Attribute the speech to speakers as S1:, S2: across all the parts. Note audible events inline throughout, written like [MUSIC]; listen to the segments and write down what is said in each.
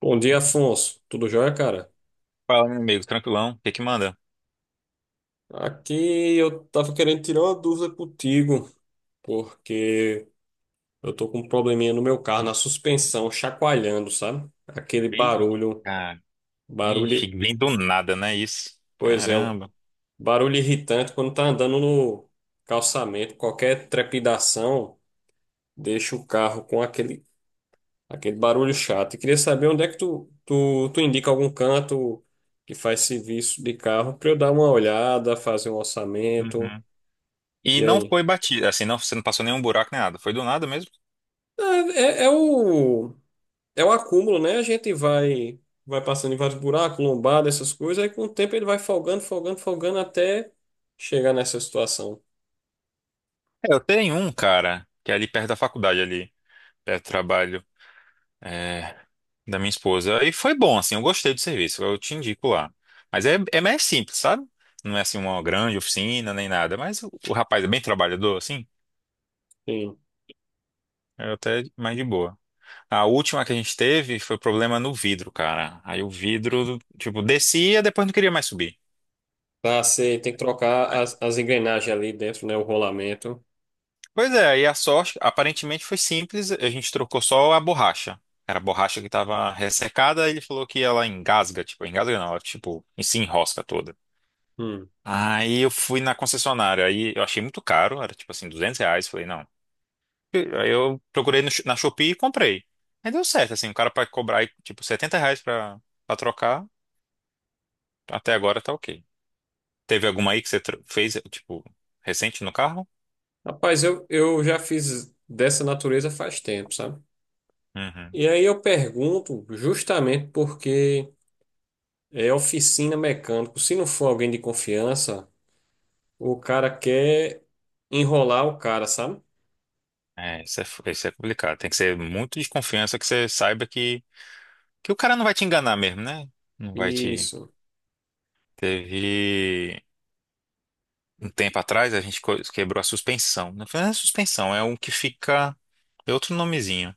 S1: Bom dia, Afonso. Tudo jóia, cara?
S2: Fala, meu amigo, tranquilão. O que que manda?
S1: Aqui eu tava querendo tirar uma dúvida contigo, porque eu tô com um probleminha no meu carro, na suspensão, chacoalhando, sabe? Aquele
S2: Ih,
S1: barulho,
S2: cara. Ixi,
S1: barulho,
S2: vem do nada, né? Isso.
S1: pois é, o
S2: Caramba.
S1: barulho irritante quando tá andando no calçamento, qualquer trepidação deixa o carro com aquele barulho chato. E queria saber onde é que tu indica algum canto que faz serviço de carro pra eu dar uma olhada, fazer um orçamento.
S2: Uhum. E
S1: E
S2: não
S1: aí?
S2: foi batido, assim, não, você não passou nenhum buraco nem nada. Foi do nada mesmo?
S1: É, é é o, é o acúmulo, né? A gente vai passando em vários buracos, lombada, essas coisas, aí com o tempo ele vai folgando, folgando, folgando até chegar nessa situação.
S2: É, eu tenho um, cara, que é ali perto da faculdade, ali, perto do trabalho, é, da minha esposa. E foi bom, assim, eu gostei do serviço, eu te indico lá. Mas é, é mais simples, sabe? Não é assim uma grande oficina nem nada, mas o rapaz é bem trabalhador, assim,
S1: Sim.
S2: é até mais de boa. A última que a gente teve foi problema no vidro, cara. Aí o vidro, tipo, descia, depois não queria mais subir.
S1: Pra ser, tem que trocar
S2: Aí-
S1: as engrenagens ali dentro, né? O rolamento.
S2: Pois é, e a sorte, aparentemente foi simples, a gente trocou só a borracha. Era a borracha que estava ressecada, ele falou que ela engasga, tipo, engasga não, ela, tipo, se enrosca toda.
S1: Hum.
S2: Aí eu fui na concessionária, aí eu achei muito caro, era tipo assim, 200 reais, falei, não. Aí eu procurei na Shopee e comprei. Aí deu certo, assim, o cara para cobrar, tipo, 70 reais pra, pra trocar, até agora tá ok. Teve alguma aí que você fez, tipo, recente no carro?
S1: Rapaz, eu já fiz dessa natureza faz tempo, sabe?
S2: Uhum.
S1: E aí eu pergunto justamente porque é oficina mecânico. Se não for alguém de confiança, o cara quer enrolar o cara, sabe?
S2: É, isso é, isso é complicado. Tem que ser muito de confiança que você saiba que o cara não vai te enganar mesmo, né? Não vai te.
S1: Isso.
S2: Teve um tempo atrás, a gente quebrou a suspensão. Não foi nem a suspensão, é um que fica. É outro nomezinho.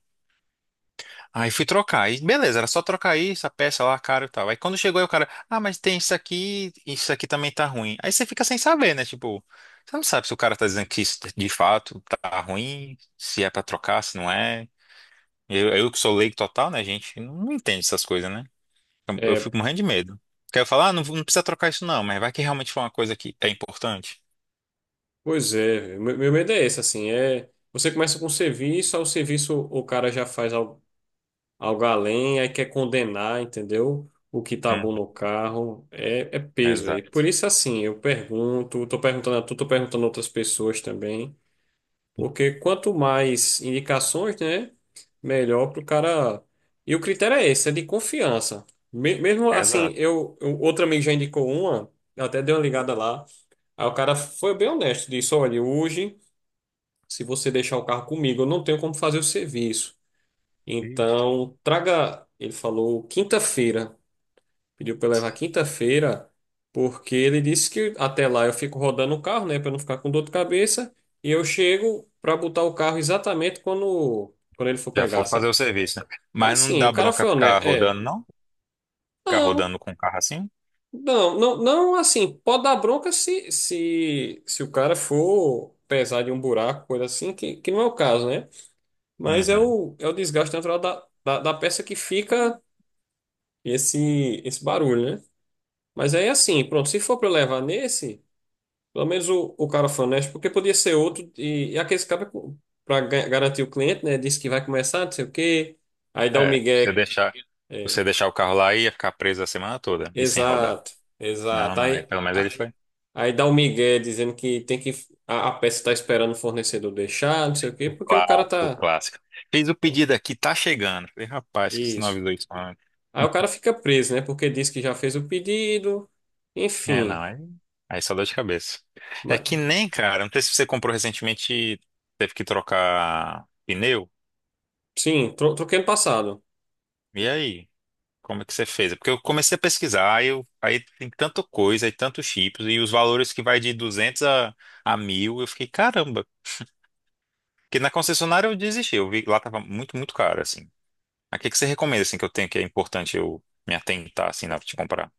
S2: Aí fui trocar. Aí, beleza, era só trocar aí essa peça lá, cara e tal. Aí quando chegou aí o cara, ah, mas tem isso aqui também tá ruim. Aí você fica sem saber, né? Tipo, você não sabe se o cara tá dizendo que isso de fato tá ruim, se é pra trocar, se não é. Eu que sou leigo total, né, gente? Não entende essas coisas, né? Eu
S1: É,
S2: fico morrendo de medo. Quero falar, ah, não, não precisa trocar isso não, mas vai que realmente foi uma coisa que é importante.
S1: pois é, meu medo é esse, assim, é, você começa com o serviço, aí o serviço o cara já faz algo, algo além, aí quer condenar, entendeu? O que tá
S2: Uhum,
S1: bom no carro, é, é peso, é.
S2: exato.
S1: Por isso, assim, eu pergunto, tô perguntando a tu, tô perguntando a outras pessoas também. Porque quanto mais indicações, né, melhor para o cara. E o critério é esse, é de confiança. Mesmo assim,
S2: Exato.
S1: outro amigo já indicou uma, eu até dei uma ligada lá. Aí o cara foi bem honesto, disse: olha, hoje, se você deixar o carro comigo, eu não tenho como fazer o serviço.
S2: Ixi,
S1: Então, traga, ele falou, quinta-feira. Pediu pra eu levar quinta-feira, porque ele disse que até lá eu fico rodando o carro, né, pra não ficar com dor de cabeça, e eu chego pra botar o carro exatamente quando ele for
S2: já for
S1: pegar, sabe?
S2: fazer o serviço, né?
S1: É.
S2: Mas não
S1: Assim,
S2: dá
S1: o cara
S2: bronca
S1: foi
S2: ficar
S1: honesto, é.
S2: rodando, não? Ficar
S1: Não,
S2: rodando com o carro assim?
S1: não, não, não assim, pode dar bronca se o cara for pesar de um buraco, coisa assim, que não é o caso, né? Mas é
S2: Uhum.
S1: o é o desgaste natural da peça que fica esse barulho, né? Mas aí assim, pronto, se for pra eu levar nesse. Pelo menos o cara honesto, porque podia ser outro, e aqueles caras para garantir o cliente, né? Disse que vai começar, não sei o quê. Aí dá o
S2: É,
S1: migué. é,
S2: você deixar o carro lá ia ficar preso a semana toda e sem rodar.
S1: Exato,
S2: Não,
S1: exato.
S2: não, é.
S1: Aí,
S2: Pelo menos ele foi
S1: aí dá o migué dizendo que tem que. A peça está esperando o fornecedor deixar, não sei o quê,
S2: o
S1: porque o cara
S2: clássico, o
S1: tá.
S2: clássico. Fiz o pedido aqui, tá chegando. Falei, rapaz, que você não
S1: Isso.
S2: avisou isso antes.
S1: Aí o cara fica preso, né? Porque diz que já fez o pedido.
S2: É, não,
S1: Enfim.
S2: aí, aí só dor de cabeça. É
S1: Mas,
S2: que nem, cara, não sei se você comprou recentemente, teve que trocar pneu.
S1: sim, troquei no passado.
S2: E aí? Como é que você fez? É porque eu comecei a pesquisar, aí, aí tem tanta coisa, aí tantos chips, e os valores que vai de 200 a 1000, eu fiquei, caramba. Porque na concessionária eu desisti, eu vi que lá tava muito, muito caro, assim. Mas o que que você recomenda, assim, que eu tenho que é importante eu me atentar, assim, na hora de comprar?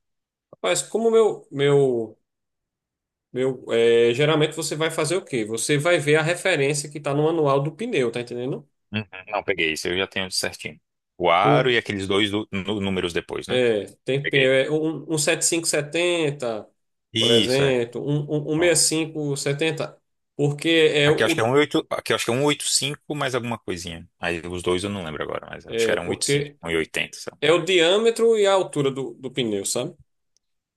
S1: Rapaz, como meu, é, geralmente você vai fazer o quê? Você vai ver a referência que está no manual do pneu, tá entendendo?
S2: Uhum. Não, peguei isso, eu já tenho certinho. O aro e
S1: O,
S2: aqueles dois números depois, né?
S1: é, tem
S2: Peguei.
S1: pneu, é, um 7570, por
S2: Isso, é.
S1: exemplo, um sessenta e
S2: Pronto.
S1: cinco setenta, porque é
S2: Aqui eu acho que é um oito aqui eu acho que é 185 mais alguma coisinha. Aí os dois eu não lembro agora, mas acho que era um
S1: porque
S2: 180, sabe?
S1: é o diâmetro e a altura do, do pneu, sabe?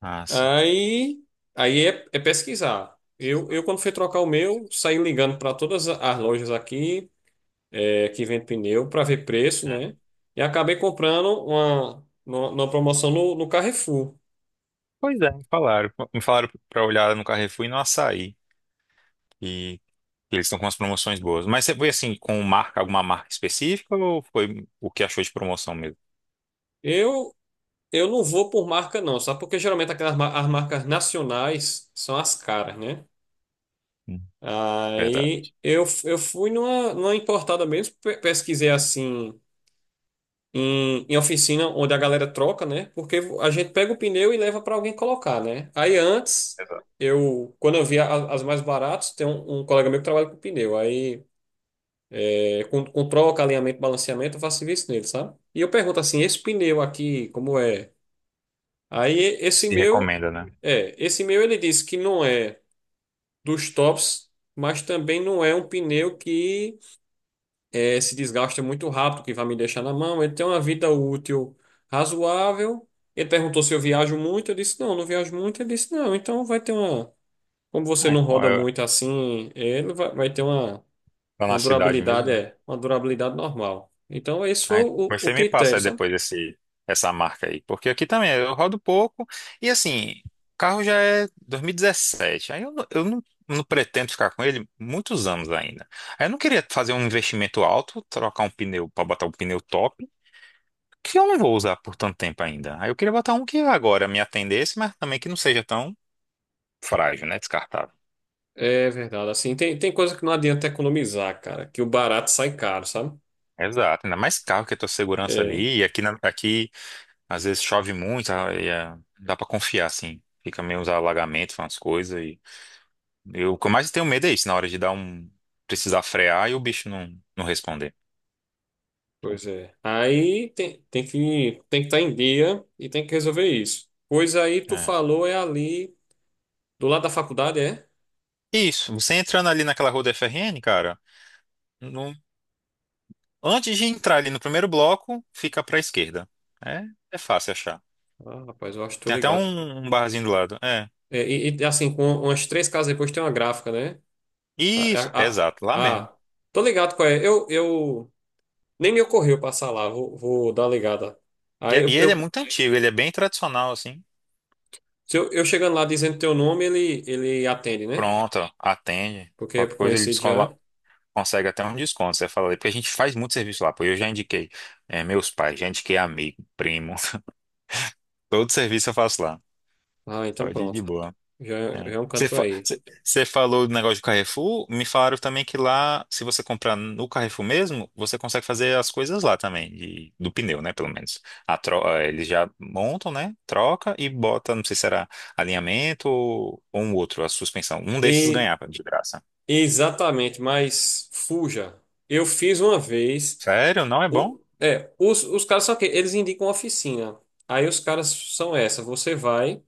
S2: Ah, sim.
S1: Aí, aí é, é pesquisar. Quando fui trocar o meu, saí ligando para todas as lojas aqui é, que vende pneu para ver preço,
S2: É.
S1: né? E acabei comprando uma, numa promoção no Carrefour.
S2: Pois é, me falaram. Me falaram pra olhar no Carrefour e no Açaí. E eles estão com umas promoções boas. Mas você foi assim, com marca, alguma marca específica ou foi o que achou de promoção mesmo?
S1: Eu, eu não vou por marca, não, sabe? Porque geralmente aquelas as marcas nacionais são as caras, né?
S2: Hum. Verdade.
S1: Aí eu fui numa importada mesmo, pesquisei assim. Em oficina onde a galera troca, né? Porque a gente pega o pneu e leva para alguém colocar, né? Aí antes,
S2: Exato.
S1: quando eu via as mais baratas, tem um colega meu que trabalha com pneu. Aí é, controla o alinhamento, balanceamento, eu faço serviço nele, sabe? E eu pergunto assim, esse pneu aqui, como é? Aí esse
S2: Se
S1: meu,
S2: recomenda, né?
S1: é, esse meu ele disse que não é dos tops, mas também não é um pneu que é, se desgasta muito rápido, que vai me deixar na mão. Ele tem uma vida útil razoável. Ele perguntou se eu viajo muito, eu disse não, não viajo muito. Ele disse não, então vai ter uma, como você
S2: Ah,
S1: não
S2: então
S1: roda
S2: é
S1: muito assim, é, ele vai ter
S2: lá
S1: uma
S2: na cidade mesmo,
S1: durabilidade
S2: né?
S1: é uma durabilidade normal. Então, esse foi
S2: Ah, então
S1: o
S2: você me
S1: critério,
S2: passa aí
S1: sabe?
S2: depois esse, essa marca aí. Porque aqui também eu rodo pouco. E assim, o carro já é 2017. Aí eu, não- Eu não, não pretendo ficar com ele muitos anos ainda. Aí eu não queria fazer um investimento alto, trocar um pneu para botar um pneu top, que eu não vou usar por tanto tempo ainda. Aí eu queria botar um que agora me atendesse, mas também que não seja tão frágil, né? Descartável.
S1: É verdade. Assim, tem coisa que não adianta economizar, cara, que o barato sai caro, sabe?
S2: Exato, ainda mais carro que a tua segurança
S1: É,
S2: ali. E aqui, aqui às vezes chove muito, ah, e é, dá pra confiar, assim. Fica meio uns alagamentos, umas coisas. E eu, o que eu mais tenho medo é isso, na hora de dar um. Precisar frear e o bicho não, não responder.
S1: pois é. Aí tem que estar em dia e tem que resolver isso. Pois aí tu
S2: É.
S1: falou é ali do lado da faculdade, é?
S2: Isso, você entrando ali naquela rua da FRN, cara, no- antes de entrar ali no primeiro bloco, fica pra esquerda. É, é fácil achar.
S1: Ah, rapaz, eu acho que tô
S2: Tem até
S1: ligado.
S2: um barzinho do lado. É.
S1: É, e, assim, com umas três casas depois tem uma gráfica, né? Ah,
S2: Isso,
S1: ah,
S2: exato, lá
S1: ah,
S2: mesmo.
S1: ah, tô ligado qual é. Eu Nem me ocorreu passar lá, vou dar uma ligada.
S2: E,
S1: Aí eu,
S2: e ele é
S1: eu,
S2: muito antigo, ele é bem tradicional, assim.
S1: se eu, eu chegando lá dizendo teu nome, ele atende, né?
S2: Pronto, ó, atende.
S1: Porque é
S2: Qualquer coisa ele
S1: conhecido já.
S2: consegue até um desconto. Você fala ali, porque a gente faz muito serviço lá, pô. Eu já indiquei é, meus pais, já indiquei amigo, primo. [LAUGHS] Todo serviço eu faço lá.
S1: Ah, então
S2: Pode ir de
S1: pronto.
S2: boa.
S1: Já,
S2: É.
S1: já é um canto pra ir.
S2: Você falou do negócio de Carrefour, me falaram também que lá, se você comprar no Carrefour mesmo, você consegue fazer as coisas lá também, do pneu, né, pelo menos. Eles já montam, né, troca e bota, não sei se era alinhamento ou um outro, a suspensão. Um desses
S1: E
S2: ganhava de graça.
S1: exatamente, mas fuja. Eu fiz uma vez.
S2: Sério? Não é bom?
S1: O, é, os caras são que eles indicam oficina. Aí os caras são essa. Você vai,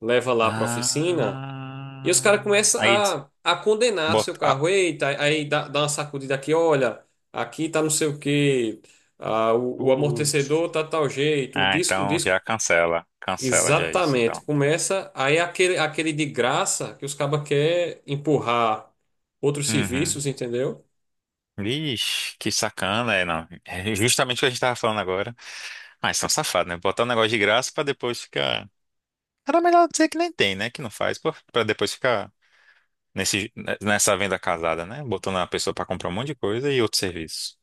S1: leva lá pra oficina. E os
S2: Ah,
S1: caras começam
S2: aí eles
S1: a condenar seu
S2: botam... Ah,
S1: carro. Eita, aí dá uma sacudida aqui, olha, aqui tá não sei o quê, ah, o amortecedor
S2: putz.
S1: tá tal jeito, o
S2: Ah,
S1: disco, o
S2: então
S1: disco.
S2: já cancela, cancela já isso,
S1: Exatamente.
S2: então.
S1: Começa aí aquele, aquele de graça que os cabas quer empurrar outros
S2: Uhum.
S1: serviços, entendeu?
S2: Ixi, que sacana, é, não. É justamente o que a gente tava falando agora. Mas são safados, né? Botar um negócio de graça pra depois ficar. Era melhor dizer que nem tem, né? Que não faz, pô, pra depois ficar nesse, nessa venda casada, né? Botando a pessoa pra comprar um monte de coisa e outro serviço.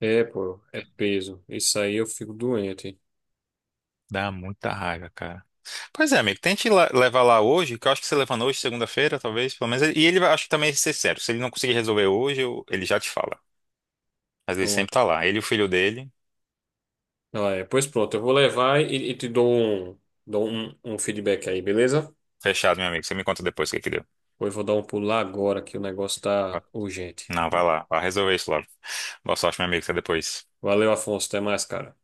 S1: É, pô, é peso. Isso aí eu fico doente.
S2: Dá muita raiva, cara. Pois é, amigo, tente levar lá hoje, que eu acho que você levando hoje, segunda-feira, talvez, pelo menos. E ele acho que também ser sério. Se ele não conseguir resolver hoje, ele já te fala. Mas ele sempre
S1: Pronto.
S2: tá lá. Ele e o filho dele.
S1: Ah, é. Pois pronto, eu vou levar e te dou um, um feedback aí, beleza?
S2: Fechado, meu amigo. Você me conta depois o que que deu.
S1: Pois vou dar um pulo lá agora que o negócio tá urgente.
S2: Não, vai lá. Vai resolver isso logo. Boa sorte, meu amigo. Até depois.
S1: Valeu, Afonso. Até mais, cara.